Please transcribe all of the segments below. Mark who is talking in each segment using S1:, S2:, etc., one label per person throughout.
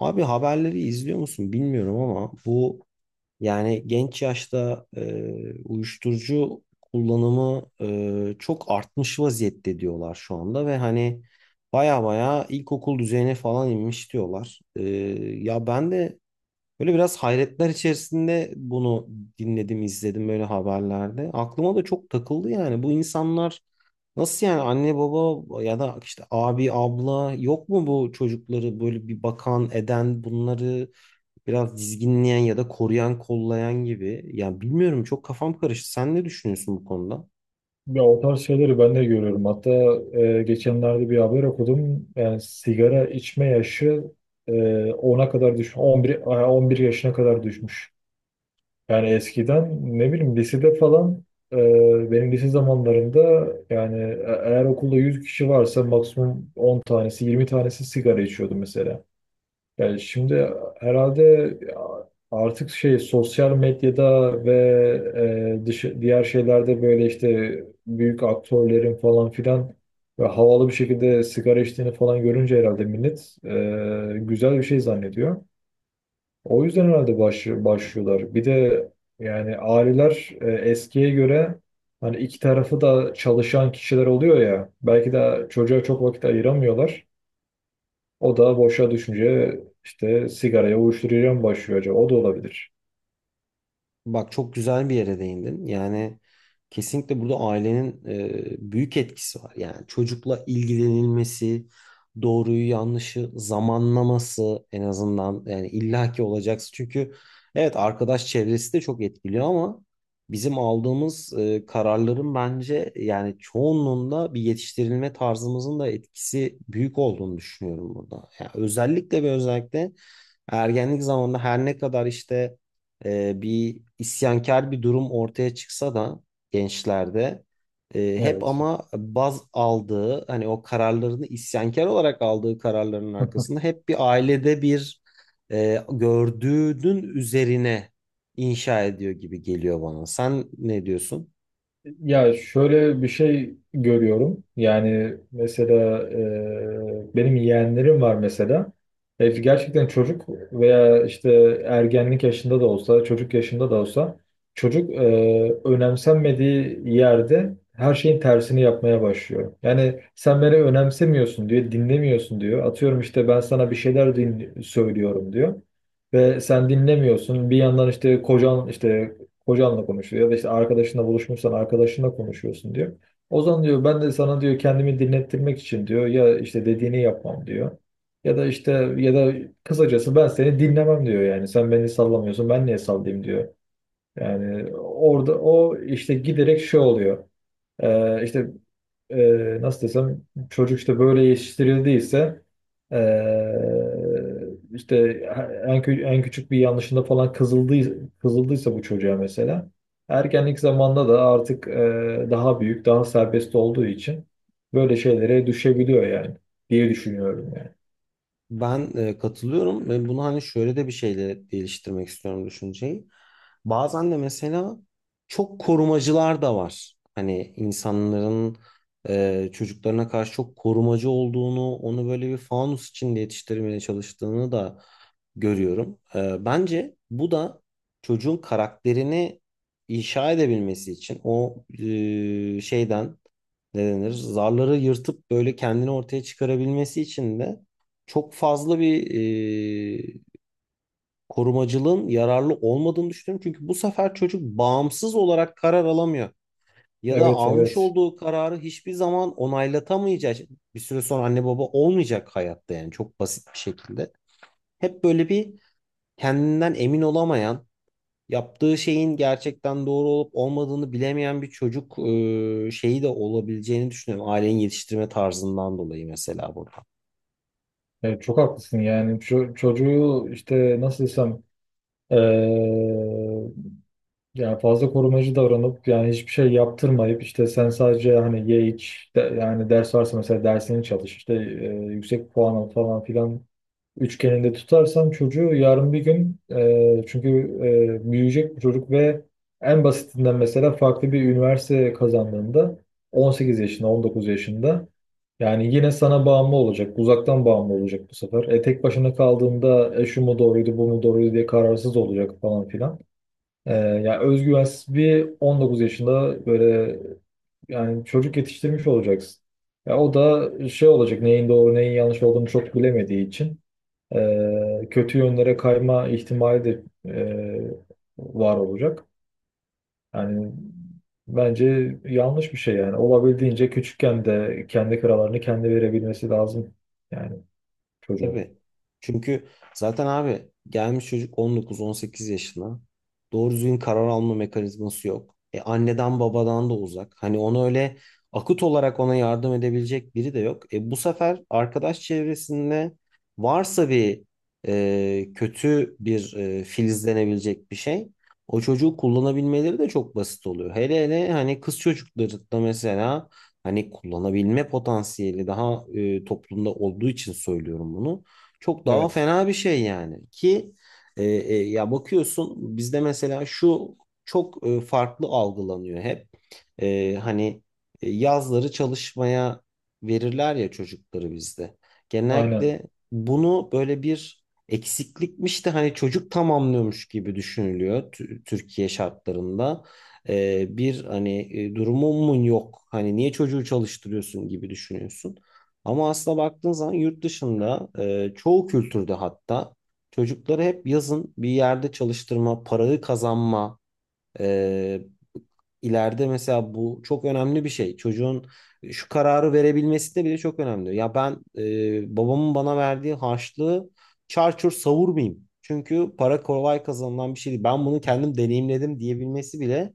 S1: Abi haberleri izliyor musun bilmiyorum ama bu yani genç yaşta uyuşturucu kullanımı çok artmış vaziyette diyorlar şu anda ve hani baya baya ilkokul düzeyine falan inmiş diyorlar. Ya ben de böyle biraz hayretler içerisinde bunu dinledim, izledim böyle haberlerde. Aklıma da çok takıldı yani. Bu insanlar nasıl yani anne baba ya da işte abi abla yok mu bu çocukları böyle bir bakan eden bunları biraz dizginleyen ya da koruyan kollayan gibi. Ya bilmiyorum çok kafam karıştı. Sen ne düşünüyorsun bu konuda?
S2: Ya o tarz şeyleri ben de görüyorum. Hatta geçenlerde bir haber okudum. Yani sigara içme yaşı e, 10'a kadar 11 11 yaşına kadar düşmüş. Yani eskiden ne bileyim lisede falan benim lise zamanlarında yani eğer okulda 100 kişi varsa maksimum 10 tanesi 20 tanesi sigara içiyordu mesela. Yani şimdi herhalde ya artık şey sosyal medyada ve diğer şeylerde böyle işte büyük aktörlerin falan filan ve havalı bir şekilde sigara içtiğini falan görünce herhalde millet güzel bir şey zannediyor. O yüzden herhalde başlıyorlar. Bir de yani aileler eskiye göre hani iki tarafı da çalışan kişiler oluyor ya, belki de çocuğa çok vakit ayıramıyorlar. O da boşa düşünce işte sigaraya uyuşturucuya mı başlıyor acaba? O da olabilir.
S1: Bak çok güzel bir yere değindin. Yani kesinlikle burada ailenin büyük etkisi var. Yani çocukla ilgilenilmesi, doğruyu yanlışı zamanlaması en azından yani illaki olacaksın. Çünkü evet arkadaş çevresi de çok etkiliyor ama bizim aldığımız kararların bence yani çoğunluğunda bir yetiştirilme tarzımızın da etkisi büyük olduğunu düşünüyorum burada. Yani özellikle ve özellikle ergenlik zamanında her ne kadar işte bir isyankar bir durum ortaya çıksa da gençlerde hep
S2: Evet.
S1: ama baz aldığı hani o kararlarını isyankar olarak aldığı kararların arkasında hep bir ailede bir gördüğünün üzerine inşa ediyor gibi geliyor bana. Sen ne diyorsun?
S2: Ya şöyle bir şey görüyorum. Yani mesela benim yeğenlerim var mesela. Gerçekten çocuk veya işte ergenlik yaşında da olsa, çocuk yaşında da olsa çocuk önemsenmediği yerde her şeyin tersini yapmaya başlıyor. Yani sen beni önemsemiyorsun diyor, dinlemiyorsun diyor. Atıyorum işte ben sana bir şeyler söylüyorum diyor. Ve sen dinlemiyorsun. Bir yandan işte kocanla konuşuyor ya da işte arkadaşınla buluşmuşsan arkadaşınla konuşuyorsun diyor. O zaman diyor ben de sana diyor kendimi dinlettirmek için diyor ya işte dediğini yapmam diyor. Ya da işte ya da kısacası ben seni dinlemem diyor, yani sen beni sallamıyorsun ben niye sallayayım diyor. Yani orada o işte giderek şey oluyor. Ee, işte nasıl desem çocuk işte böyle yetiştirildiyse e, işte en küçük bir yanlışında falan kızıldıysa bu çocuğa, mesela ergenlik zamanında da artık daha büyük daha serbest olduğu için böyle şeylere düşebiliyor yani, diye düşünüyorum yani.
S1: Ben katılıyorum ve bunu hani şöyle de bir şeyle değiştirmek istiyorum düşünceyi. Bazen de mesela çok korumacılar da var. Hani insanların çocuklarına karşı çok korumacı olduğunu, onu böyle bir fanus içinde yetiştirmeye çalıştığını da görüyorum. E, bence bu da çocuğun karakterini inşa edebilmesi için o şeyden ne denir? Zarları yırtıp böyle kendini ortaya çıkarabilmesi için de çok fazla bir e, korumacılığın yararlı olmadığını düşünüyorum. Çünkü bu sefer çocuk bağımsız olarak karar alamıyor. Ya da
S2: Evet,
S1: almış
S2: evet.
S1: olduğu kararı hiçbir zaman onaylatameyecek. Bir süre sonra anne baba olmayacak hayatta yani çok basit bir şekilde. Hep böyle bir kendinden emin olamayan, yaptığı şeyin gerçekten doğru olup olmadığını bilemeyen bir çocuk şeyi de olabileceğini düşünüyorum. Ailenin yetiştirme tarzından dolayı mesela burada.
S2: Evet, çok haklısın yani. Çocuğu işte nasıl desem eee, yani fazla korumacı davranıp yani hiçbir şey yaptırmayıp işte sen sadece hani ye iç yani ders varsa mesela dersini çalış işte yüksek puan al falan filan üçgeninde tutarsam çocuğu yarın bir gün çünkü büyüyecek bu çocuk ve en basitinden mesela farklı bir üniversite kazandığında 18 yaşında 19 yaşında yani yine sana bağımlı olacak, uzaktan bağımlı olacak bu sefer. Tek başına kaldığında şu mu doğruydu bu mu doğruydu diye kararsız olacak falan filan. Yani özgüvensiz bir 19 yaşında böyle yani çocuk yetiştirmiş olacaksın. Ya o da şey olacak, neyin doğru neyin yanlış olduğunu çok bilemediği için kötü yönlere kayma ihtimali de e, var olacak. Yani bence yanlış bir şey yani. Olabildiğince küçükken de kendi kararlarını kendi verebilmesi lazım yani çocuğun.
S1: Tabii. Çünkü zaten abi gelmiş çocuk 19-18 yaşına. Doğru düzgün karar alma mekanizması yok. E anneden babadan da uzak. Hani onu öyle akut olarak ona yardım edebilecek biri de yok. E bu sefer arkadaş çevresinde varsa bir kötü bir filizlenebilecek bir şey. O çocuğu kullanabilmeleri de çok basit oluyor. Hele hele hani kız çocukları da mesela hani kullanabilme potansiyeli daha toplumda olduğu için söylüyorum bunu. Çok daha
S2: Evet,
S1: fena bir şey yani ki ya bakıyorsun bizde mesela şu çok farklı algılanıyor hep. E, hani yazları çalışmaya verirler ya çocukları bizde.
S2: aynen.
S1: Genellikle bunu böyle bir eksiklikmiş de hani çocuk tamamlıyormuş gibi düşünülüyor Türkiye şartlarında. Bir hani durumun yok. Hani niye çocuğu çalıştırıyorsun gibi düşünüyorsun. Ama aslında baktığın zaman yurt dışında çoğu kültürde hatta çocukları hep yazın bir yerde çalıştırma, parayı kazanma e, ileride mesela bu çok önemli bir şey. Çocuğun şu kararı verebilmesi de bile çok önemli. Ya ben babamın bana verdiği harçlığı çarçur savurmayayım. Çünkü para kolay kazanılan bir şey değil. Ben bunu kendim deneyimledim diyebilmesi bile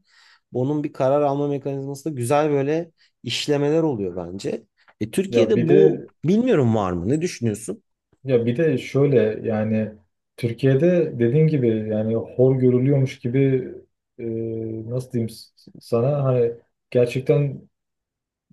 S1: onun bir karar alma mekanizmasında güzel böyle işlemeler oluyor bence. E,
S2: Ya bir
S1: Türkiye'de bu
S2: de
S1: bilmiyorum var mı? Ne düşünüyorsun?
S2: ya bir de şöyle yani Türkiye'de dediğin gibi yani hor görülüyormuş gibi e, nasıl diyeyim, sana hani gerçekten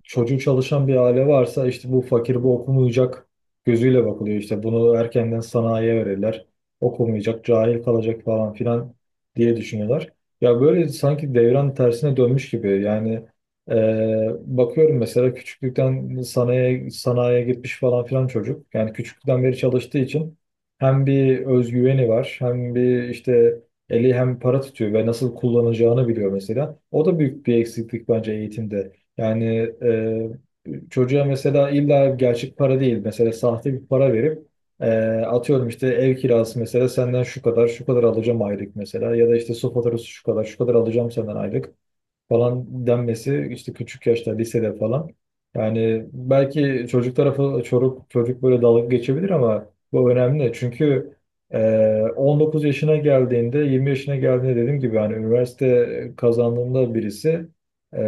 S2: çocuğu çalışan bir aile varsa işte bu fakir bu okumayacak gözüyle bakılıyor, işte bunu erkenden sanayiye verirler, okumayacak cahil kalacak falan filan diye düşünüyorlar. Ya böyle sanki devran tersine dönmüş gibi yani e, bakıyorum mesela küçüklükten sanayiye gitmiş falan filan çocuk yani küçüklükten beri çalıştığı için hem bir özgüveni var hem bir işte eli hem para tutuyor ve nasıl kullanacağını biliyor mesela. O da büyük bir eksiklik bence eğitimde. Yani çocuğa mesela illa gerçek para değil, mesela sahte bir para verip atıyorum işte ev kirası mesela, senden şu kadar şu kadar alacağım aylık mesela, ya da işte su faturası şu kadar şu kadar alacağım senden aylık falan denmesi işte, küçük yaşta lisede falan. Yani belki çocuk tarafı çocuk böyle dalga geçebilir ama bu önemli. Çünkü e, 19 yaşına geldiğinde 20 yaşına geldiğinde dediğim gibi yani üniversite kazandığında birisi e,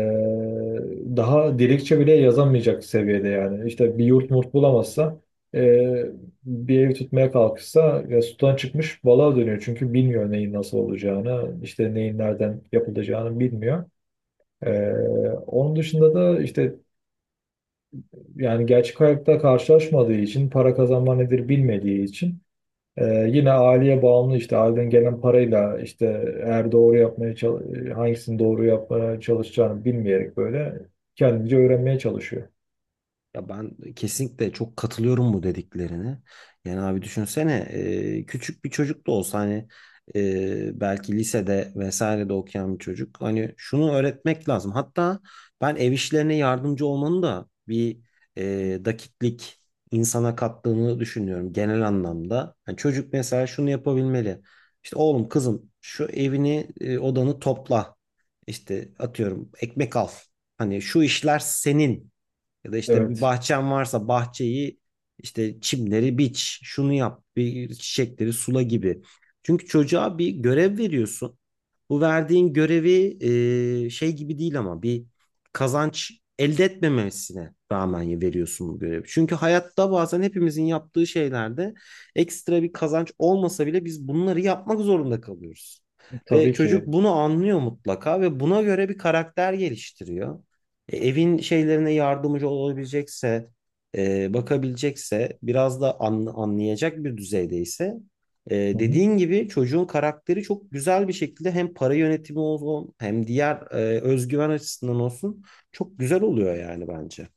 S2: daha dilekçe bile yazamayacak seviyede yani. İşte bir yurt murt bulamazsa e, bir ev tutmaya kalkışsa ya, sudan çıkmış balığa dönüyor. Çünkü bilmiyor neyin nasıl olacağını, işte neyin nereden yapılacağını bilmiyor. Ee, Onun dışında da işte yani gerçek hayatta karşılaşmadığı için, para kazanma nedir bilmediği için e, yine aileye bağımlı, işte aileden gelen parayla işte eğer doğru yapmaya hangisini doğru yapmaya çalışacağını bilmeyerek böyle kendince öğrenmeye çalışıyor.
S1: Ya ben kesinlikle çok katılıyorum bu dediklerine. Yani abi düşünsene küçük bir çocuk da olsa hani belki lisede vesaire de okuyan bir çocuk. Hani şunu öğretmek lazım. Hatta ben ev işlerine yardımcı olmanın da bir e, dakiklik insana kattığını düşünüyorum genel anlamda. Yani çocuk mesela şunu yapabilmeli. İşte oğlum kızım şu evini odanı topla. İşte atıyorum ekmek al. Hani şu işler senin. Ya da işte bir
S2: Evet,
S1: bahçen varsa bahçeyi işte çimleri biç, şunu yap, bir çiçekleri sula gibi. Çünkü çocuğa bir görev veriyorsun. Bu verdiğin görevi şey gibi değil ama bir kazanç elde etmemesine rağmen veriyorsun bu görevi. Çünkü hayatta bazen hepimizin yaptığı şeylerde ekstra bir kazanç olmasa bile biz bunları yapmak zorunda kalıyoruz. Ve
S2: tabii
S1: çocuk
S2: ki.
S1: bunu anlıyor mutlaka ve buna göre bir karakter geliştiriyor. E, evin şeylerine yardımcı olabilecekse, bakabilecekse, biraz da anlayacak bir düzeydeyse, dediğin gibi çocuğun karakteri çok güzel bir şekilde hem para yönetimi olsun hem diğer özgüven açısından olsun çok güzel oluyor yani bence.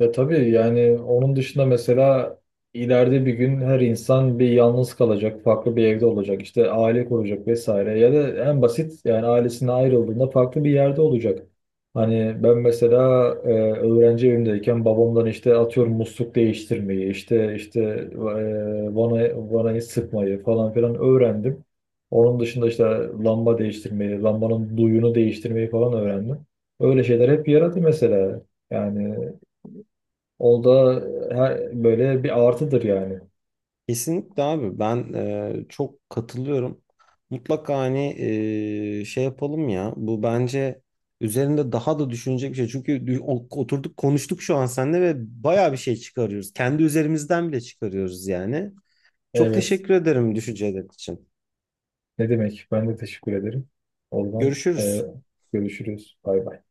S2: Ve tabii yani onun dışında mesela ileride bir gün her insan bir yalnız kalacak, farklı bir evde olacak, işte aile kuracak vesaire, ya da en basit yani ailesine ayrıldığında farklı bir yerde olacak. Hani ben mesela e, öğrenci evimdeyken babamdan işte atıyorum musluk değiştirmeyi, vanayı sıkmayı falan filan öğrendim. Onun dışında işte lamba değiştirmeyi, lambanın duyunu değiştirmeyi falan öğrendim. Öyle şeyler hep yaradı mesela. Yani o da böyle bir artıdır yani.
S1: Kesinlikle abi ben çok katılıyorum. Mutlaka hani şey yapalım ya bu bence üzerinde daha da düşünecek bir şey. Çünkü oturduk konuştuk şu an seninle ve bayağı bir şey çıkarıyoruz. Kendi üzerimizden bile çıkarıyoruz yani. Çok
S2: Evet.
S1: teşekkür ederim düşünceler için.
S2: Ne demek? Ben de teşekkür ederim. Oradan
S1: Görüşürüz.
S2: görüşürüz. Bay bay.